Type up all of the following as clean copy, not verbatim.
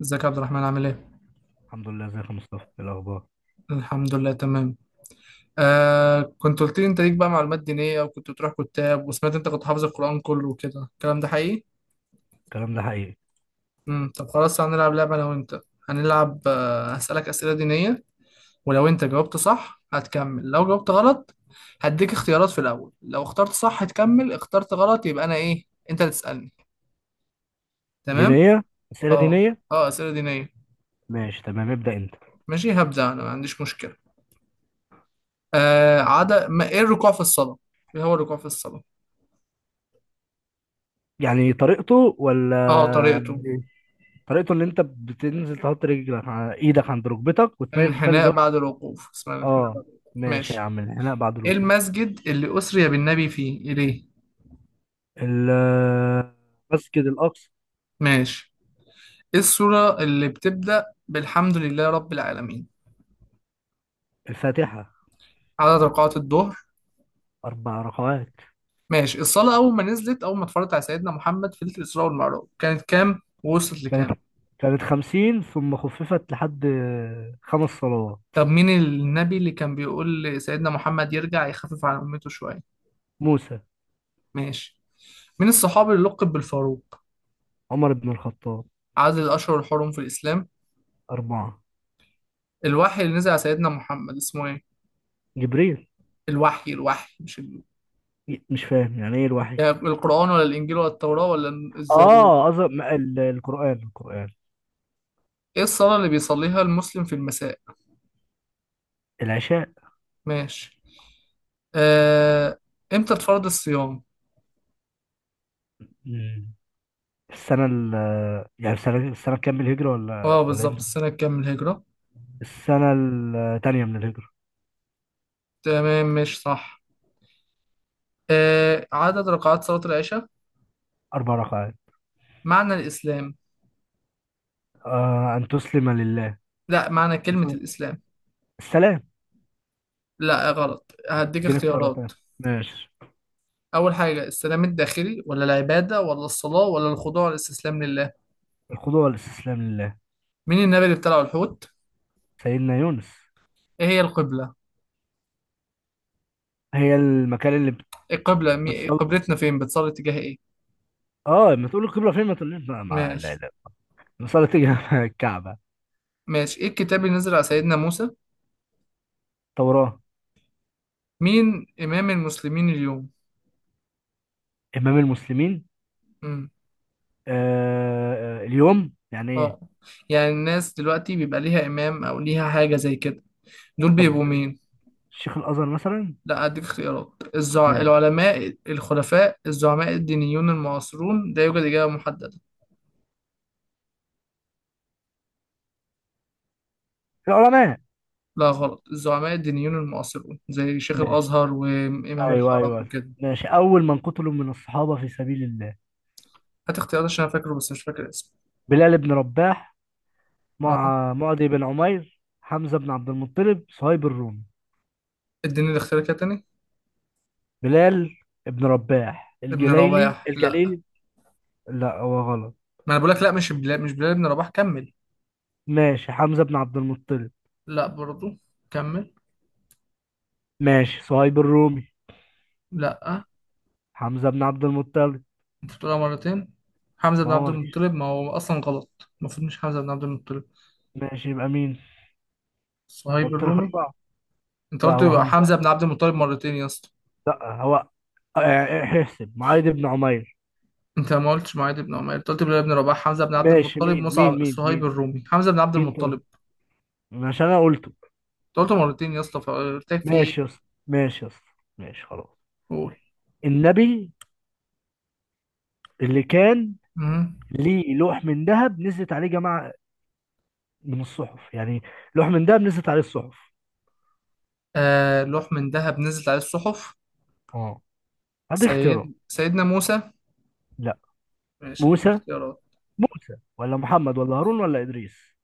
ازيك يا عبد الرحمن، عامل ايه؟ الحمد لله، ازيك يا مصطفى؟ ايه الاخبار؟ الحمد لله، تمام. كنت قلت لي انت ليك بقى معلومات دينية، وكنت بتروح كتاب، وسمعت انت كنت حافظ القرآن كله وكده. الكلام ده حقيقي؟ الكلام ده حقيقي. طب خلاص، هنلعب لعبة انا وانت. هنلعب، هسألك أسئلة دينية. ولو انت جاوبت صح هتكمل، لو جاوبت غلط هديك اختيارات في الأول. لو اخترت صح هتكمل، اخترت غلط يبقى انا ايه؟ انت اللي تسألني. تمام؟ دينيه، اسئله اه. دينيه. اه، أسئلة دينية. ماشي تمام، ابدا انت. ماشي، هبدأ انا، ما عنديش مشكلة. عدا ما ايه الركوع في الصلاة؟ ايه هو الركوع في الصلاة؟ يعني طريقته ولا اه، طريقته. إيه؟ طريقته ان انت بتنزل تحط ايدك عند ركبتك وتميل وتخلي الانحناء ظهرك. بعد الوقوف، اسمها الانحناء اه بعد الوقوف. ماشي يا ماشي. عم، الانحناء بعد ايه الركوع. المسجد اللي أسري بالنبي فيه إليه؟ ال- المسجد الاقصى. ماشي. ايه السورة اللي بتبدأ بالحمد لله رب العالمين؟ الفاتحه. عدد ركعات الظهر؟ اربع ركعات. ماشي. الصلاة أول ما نزلت، أول ما اتفرجت على سيدنا محمد في ليلة الإسراء والمعراج، كانت كام ووصلت كانت لكام؟ كانت خمسين ثم خففت لحد خمس صلوات. طب مين النبي اللي كان بيقول لسيدنا محمد يرجع يخفف على أمته شوية؟ موسى. ماشي. مين الصحابي اللي لقب بالفاروق؟ عمر بن الخطاب. عدد الأشهر الحرم في الإسلام؟ أربعة. الوحي اللي نزل على سيدنا محمد اسمه ايه؟ جبريل. الوحي الوحي مش، مش فاهم يعني إيه الوحي. يعني القرآن ولا الإنجيل ولا التوراة ولا الزبور؟ اه أظن القرآن. إيه الصلاة اللي بيصليها المسلم في المساء؟ العشاء. ماشي. آه... إمتى اتفرض الصيام؟ مم. السنة ال يعني السنة كام الهجرة، اه، ولا بالظبط امتى؟ السنة كام من الهجرة؟ السنة التانية من الهجرة. تمام، مش صح. عدد ركعات صلاة العشاء؟ أربع ركعات. معنى الإسلام؟ آه أن تسلم لله. لا، معنى كلمة الإسلام. السلام. لا غلط، هديك اديني اختيارات اختيارات. تانية. ماشي. أول حاجة، السلام الداخلي ولا العبادة ولا الصلاة ولا الخضوع والاستسلام لله؟ الخضوع والاستسلام لله. مين النبي اللي ابتلعه الحوت؟ سيدنا يونس. إيه هي القبلة؟ هي القبلة بتصلي. قبلتنا فين، بتصلي تجاه إيه؟ اه لما تقول القبلة فين ما تقوليش لا ماشي. لا، المصلى تيجي مع الكعبة. ماشي. ايه الكتاب اللي نزل على سيدنا موسى؟ توراة. مين امام المسلمين اليوم؟ إمام المسلمين. امم اليوم يعني ايه؟ اه، يعني الناس دلوقتي بيبقى ليها امام او ليها حاجه زي كده، دول طب بيبقوا مين؟ شيخ الازهر مثلا. لا، اديك اختيارات. ماشي. العلماء، الخلفاء، الزعماء الدينيون المعاصرون، لا يوجد اجابه محدده. العلماء. لا غلط، الزعماء الدينيون المعاصرون زي شيخ ماشي. الازهر وامام ايوه الحرم ايوه. وكده. ماشي، اول من قتلوا من الصحابه في سبيل الله؟ هات اختيارات عشان انا فاكره بس مش فاكر اسمه. بلال بن رباح اه، مع معدي بن عمير، حمزه بن عبد المطلب، صهيب الرومي. اديني الاختيار كده تاني. بلال بن رباح ابن الجليلي رباح؟ لا، الجليلي. لا هو غلط. ما انا بقول لك لا، مش بلال، مش بلال ابن رباح، كمل. ماشي، حمزه بن عبد المطلب. لا برضو، كمل. ماشي، صهيب الرومي. لا، حمزه بن عبد المطلب. انت بتقولها مرتين. حمزة ما بن هو عبد ما فيش. المطلب، ما هو اصلا غلط، المفروض مش حمزة بن عبد المطلب. ماشي يبقى مين؟ صهيب قلت لك الرومي. اربعه. انت لا قلت هو يبقى حمزه. حمزة بن عبد المطلب مرتين يا اسطى. لا هو آه، احسب معاذ بن عمير. انت ما قلتش معاذ بن عمر، انت قلت بلال بن رباح، حمزة بن عبد ماشي المطلب، مين مين مصعب، مين صهيب مين الرومي، حمزة بن عبد مين طيب، المطلب. عشان انا قلته. انت قلت مرتين يا اسطى، فقلت لك في ايه. ماشي يا اسطى، ماشي يا اسطى، ماشي خلاص. قول. النبي اللي كان مم. ليه لوح من ذهب نزلت عليه جماعة من الصحف يعني، لوح من ذهب نزلت عليه الصحف. لوح من ذهب نزلت عليه الصحف. اه، هدي اختيارات. سيدنا موسى؟ لا. ماشي، اديني موسى. اختيارات. موسى ولا محمد ولا هارون ولا إدريس.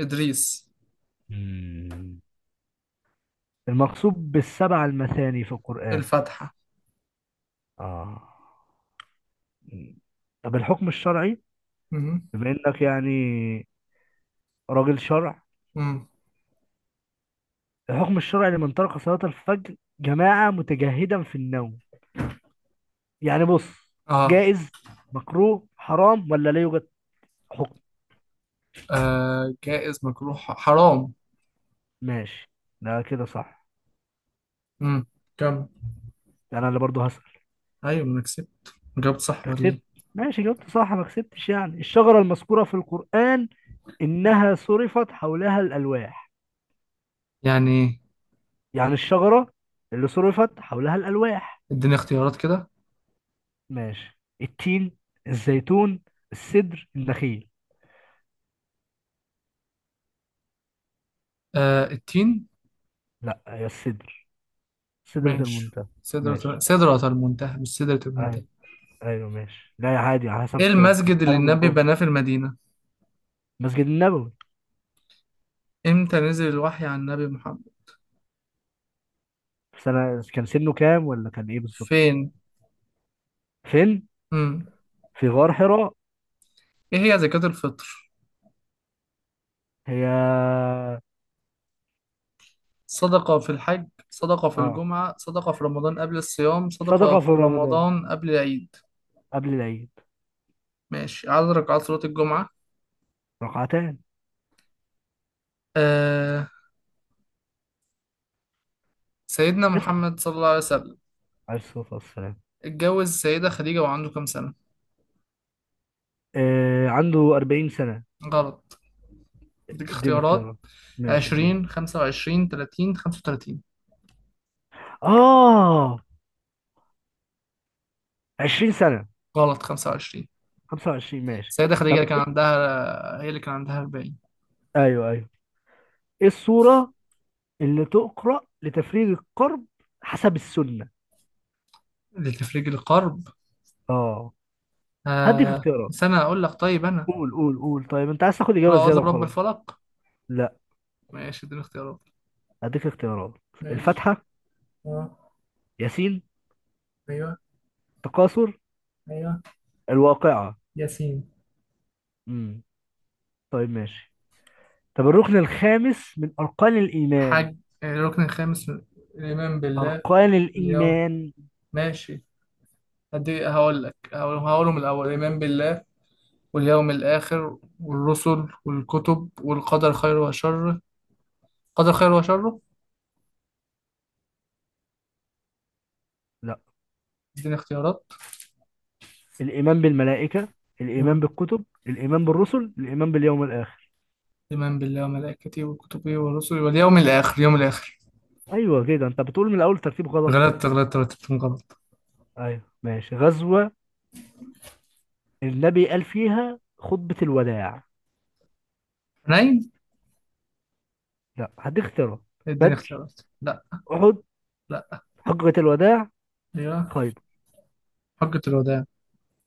ادريس. مم. المقصود بالسبعة المثاني في القرآن. الفاتحة. اه. مم. طب الحكم الشرعي، مم. بما انك يعني راجل شرع، مم. الحكم الشرعي لمن ترك صلاة الفجر جماعة متجهدا في النوم؟ يعني بص، اه. جائز، مكروه، حرام، ولا لا يوجد حكم. جائز، مجروح، حرام. ماشي، ده كده صح. امم. كم؟ ده انا اللي برضه هسأل. ايوه ما انا كسبت. جاوبت صح أنت ولا ايه؟ كسبت ماشي، جاوبت صح ما كسبتش. يعني الشجرة المذكورة في القرآن إنها صرفت حولها الألواح. يعني إيه؟ يعني الشجرة اللي صرفت حولها الألواح. اديني اختيارات كده. ماشي، التين، الزيتون، السدر، النخيل. التين. لا هي السدر، سدرة ماشي. المنتهى. سدرة ماشي. سدرة المنتهى، مش سدرة المنتهى. أيوة. ايوه ماشي، لا يا عادي على ايه حسب. المسجد اللي مرحله من النبي الجمله. بناه في المدينة؟ مسجد النبوي. امتى نزل الوحي عن النبي محمد؟ في سنه كان، سنه كام ولا كان ايه بالظبط؟ فين؟ فين؟ امم في غار حراء. ايه هي زكاة الفطر؟ هي صدقة في الحج، صدقة في اه الجمعة، صدقة في رمضان قبل الصيام، صدقة صدقه في في رمضان رمضان قبل العيد؟ قبل العيد. ماشي. عدد ركعات صلاة الجمعة؟ ركعتان. آه سيدنا اسال محمد صلى الله عليه وسلم عليه الصلاه والسلام. اتجوز السيدة خديجة وعنده كام سنة؟ آه عنده 40 سنه. غلط، اديك اديني اختيارات. اختيارات. ماشي اديني. عشرين، خمسة وعشرين، تلاتين، خمسة وتلاتين. اه 20 سنه. غلط، خمسة وعشرين. 25 ماشي. السيدة خديجة اللي طب كان إيه؟ عندها، هي اللي كان عندها أربعين. ايوه ايوه. ايه السوره اللي تقرا لتفريغ الكرب حسب السنه؟ اللي تفرج القرب. اه هديك اختيارات. سنة أقول لك، طيب أنا. قول، قول، قول، طيب انت عايز تاخد قل اجابه أعوذ زياده برب وخلاص. الفلق. لا، ماشي، اديني اختيارات. اديك اختيارات. ماشي. الفاتحه. اه. ياسين. ايوه. تكاثر. ايوه. الواقعه. ياسين. امم. طيب ماشي. طب الركن الخامس من اركان الايمان؟ حج. الركن الخامس الإيمان بالله، اركان اليوم. الايمان؟ ماشي، هقول لك، هقولهم الأول. الإيمان بالله واليوم الآخر والرسل والكتب والقدر خير وشر. قدر خير وشر. لا اديني اختيارات. الايمان بالملائكه، مم. الايمان بالكتب، الايمان بالرسل، الايمان باليوم الاخر. إيمان بالله وملائكته وكتبه ورسله واليوم الآخر. ايوه كده، انت بتقول من الاول ترتيب غلط. غلطت، غلطت، رتبتهم غلط. ايوه ماشي. غزوه النبي قال فيها خطبه الوداع. حنين. لا هديك اختيارات. اديني بدر، اختيارات. لا. احد، لا. حجه الوداع، أيوه، خيبر. حجة الوداع.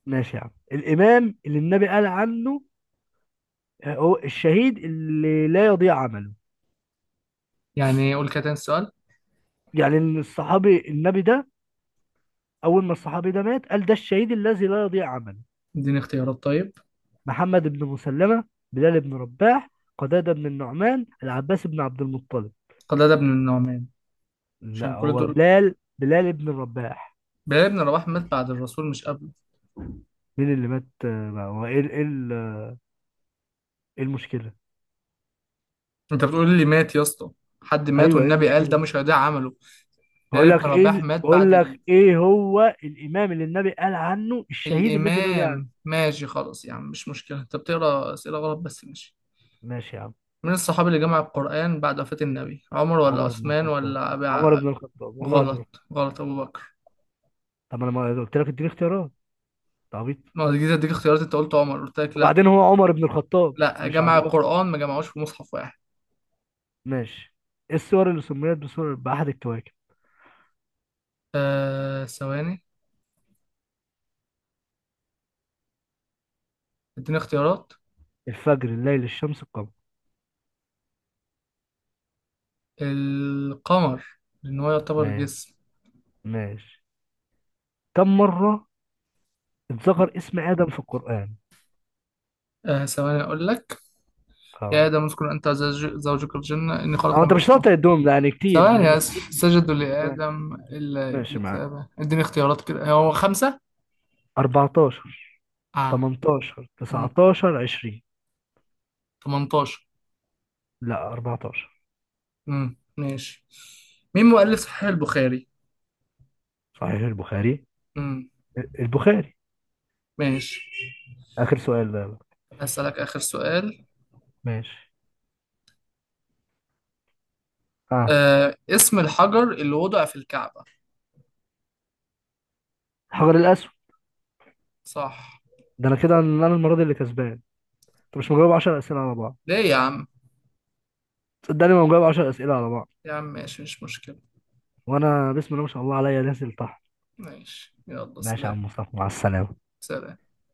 ماشي يا عم. الإمام اللي النبي قال عنه آه، هو الشهيد اللي لا يضيع عمله. يعني قول كده تاني السؤال. يعني إن الصحابي النبي ده، أول ما الصحابي ده مات قال ده الشهيد الذي لا يضيع عمله. اديني اختيارات طيب. محمد بن مسلمة، بلال بن رباح، قتادة بن النعمان، العباس بن عبد المطلب. قتادة بن النعمان. لا عشان كل هو دول، بلال، بلال بن رباح. بلال بن رباح مات بعد الرسول مش قبله. مين اللي مات آه، هو ايه ال- ايه ال- ايه المشكلة؟ انت بتقول لي مات يا اسطى، حد مات ايوه ايه والنبي قال ده المشكلة؟ مش هيضيع عمله. بلال بن رباح مات بقول بعد. لك ايه هو الامام اللي النبي قال عنه الشهيد الذي لا يضيع عمله. الإمام، ماشي خلاص يا عم، مش مشكلة، أنت بتقرأ أسئلة غلط بس ماشي. ماشي يا عم. من الصحابي اللي جمع القرآن بعد وفاة النبي؟ عمر ولا عمر بن عثمان الخطاب، ولا عمر بن الخطاب، عمر بن الخطاب. غلط غلط، أبو بكر. طب انا ما قلت لك اديني اختيارات؟ انت عبيط. ما هو جيت أديك اختيارات، أنت قلت عمر، قلت لك لأ. وبعدين هو عمر بن الخطاب لأ، مش جمع ابو بكر. القرآن ما جمعوش في مصحف واحد. ماشي. ايه السور اللي سميت بسور بأحد الكواكب؟ ثواني، اديني اختيارات. الفجر، الليل، الشمس، القمر. القمر، لأن هو يعتبر ما جسم. ماشي. كم مرة اتذكر اسم آدم في القرآن؟ ثواني أقول لك. يا اه. آدم اذكر أنت زوجك الجنة، إني خلق هو انت من مش بشر. شاطر الدوم ده، يعني كتير مش ثواني بس. مستحيل. سجدوا ما- لآدم إلا ماشي إبليس معاك. أبى. اديني اختيارات كده، هو خمسة؟ 14، اه. 18، مم. 19، 20. 18. لا 14. مم. ماشي. مين مؤلف صحيح البخاري؟ صحيح البخاري. مم. البخاري. ماشي. آخر سؤال ده بقى. هسألك آخر سؤال. ماشي. اه، اسم الحجر اللي وضع في الكعبة. حجر الاسود. صح. ده انا كده، ان انا المره دي اللي كسبان. انت مش مجاوب 10 اسئله على بعض. ليه يا عم؟ صدقني ما مجاوب 10 اسئله على بعض. يا عم ماشي، مش مشكلة. وانا بسم الله ما شاء الله عليا نازل تحت. ماشي، يلا ماشي يا سلام. عم مصطفى، مع السلامه. سلام.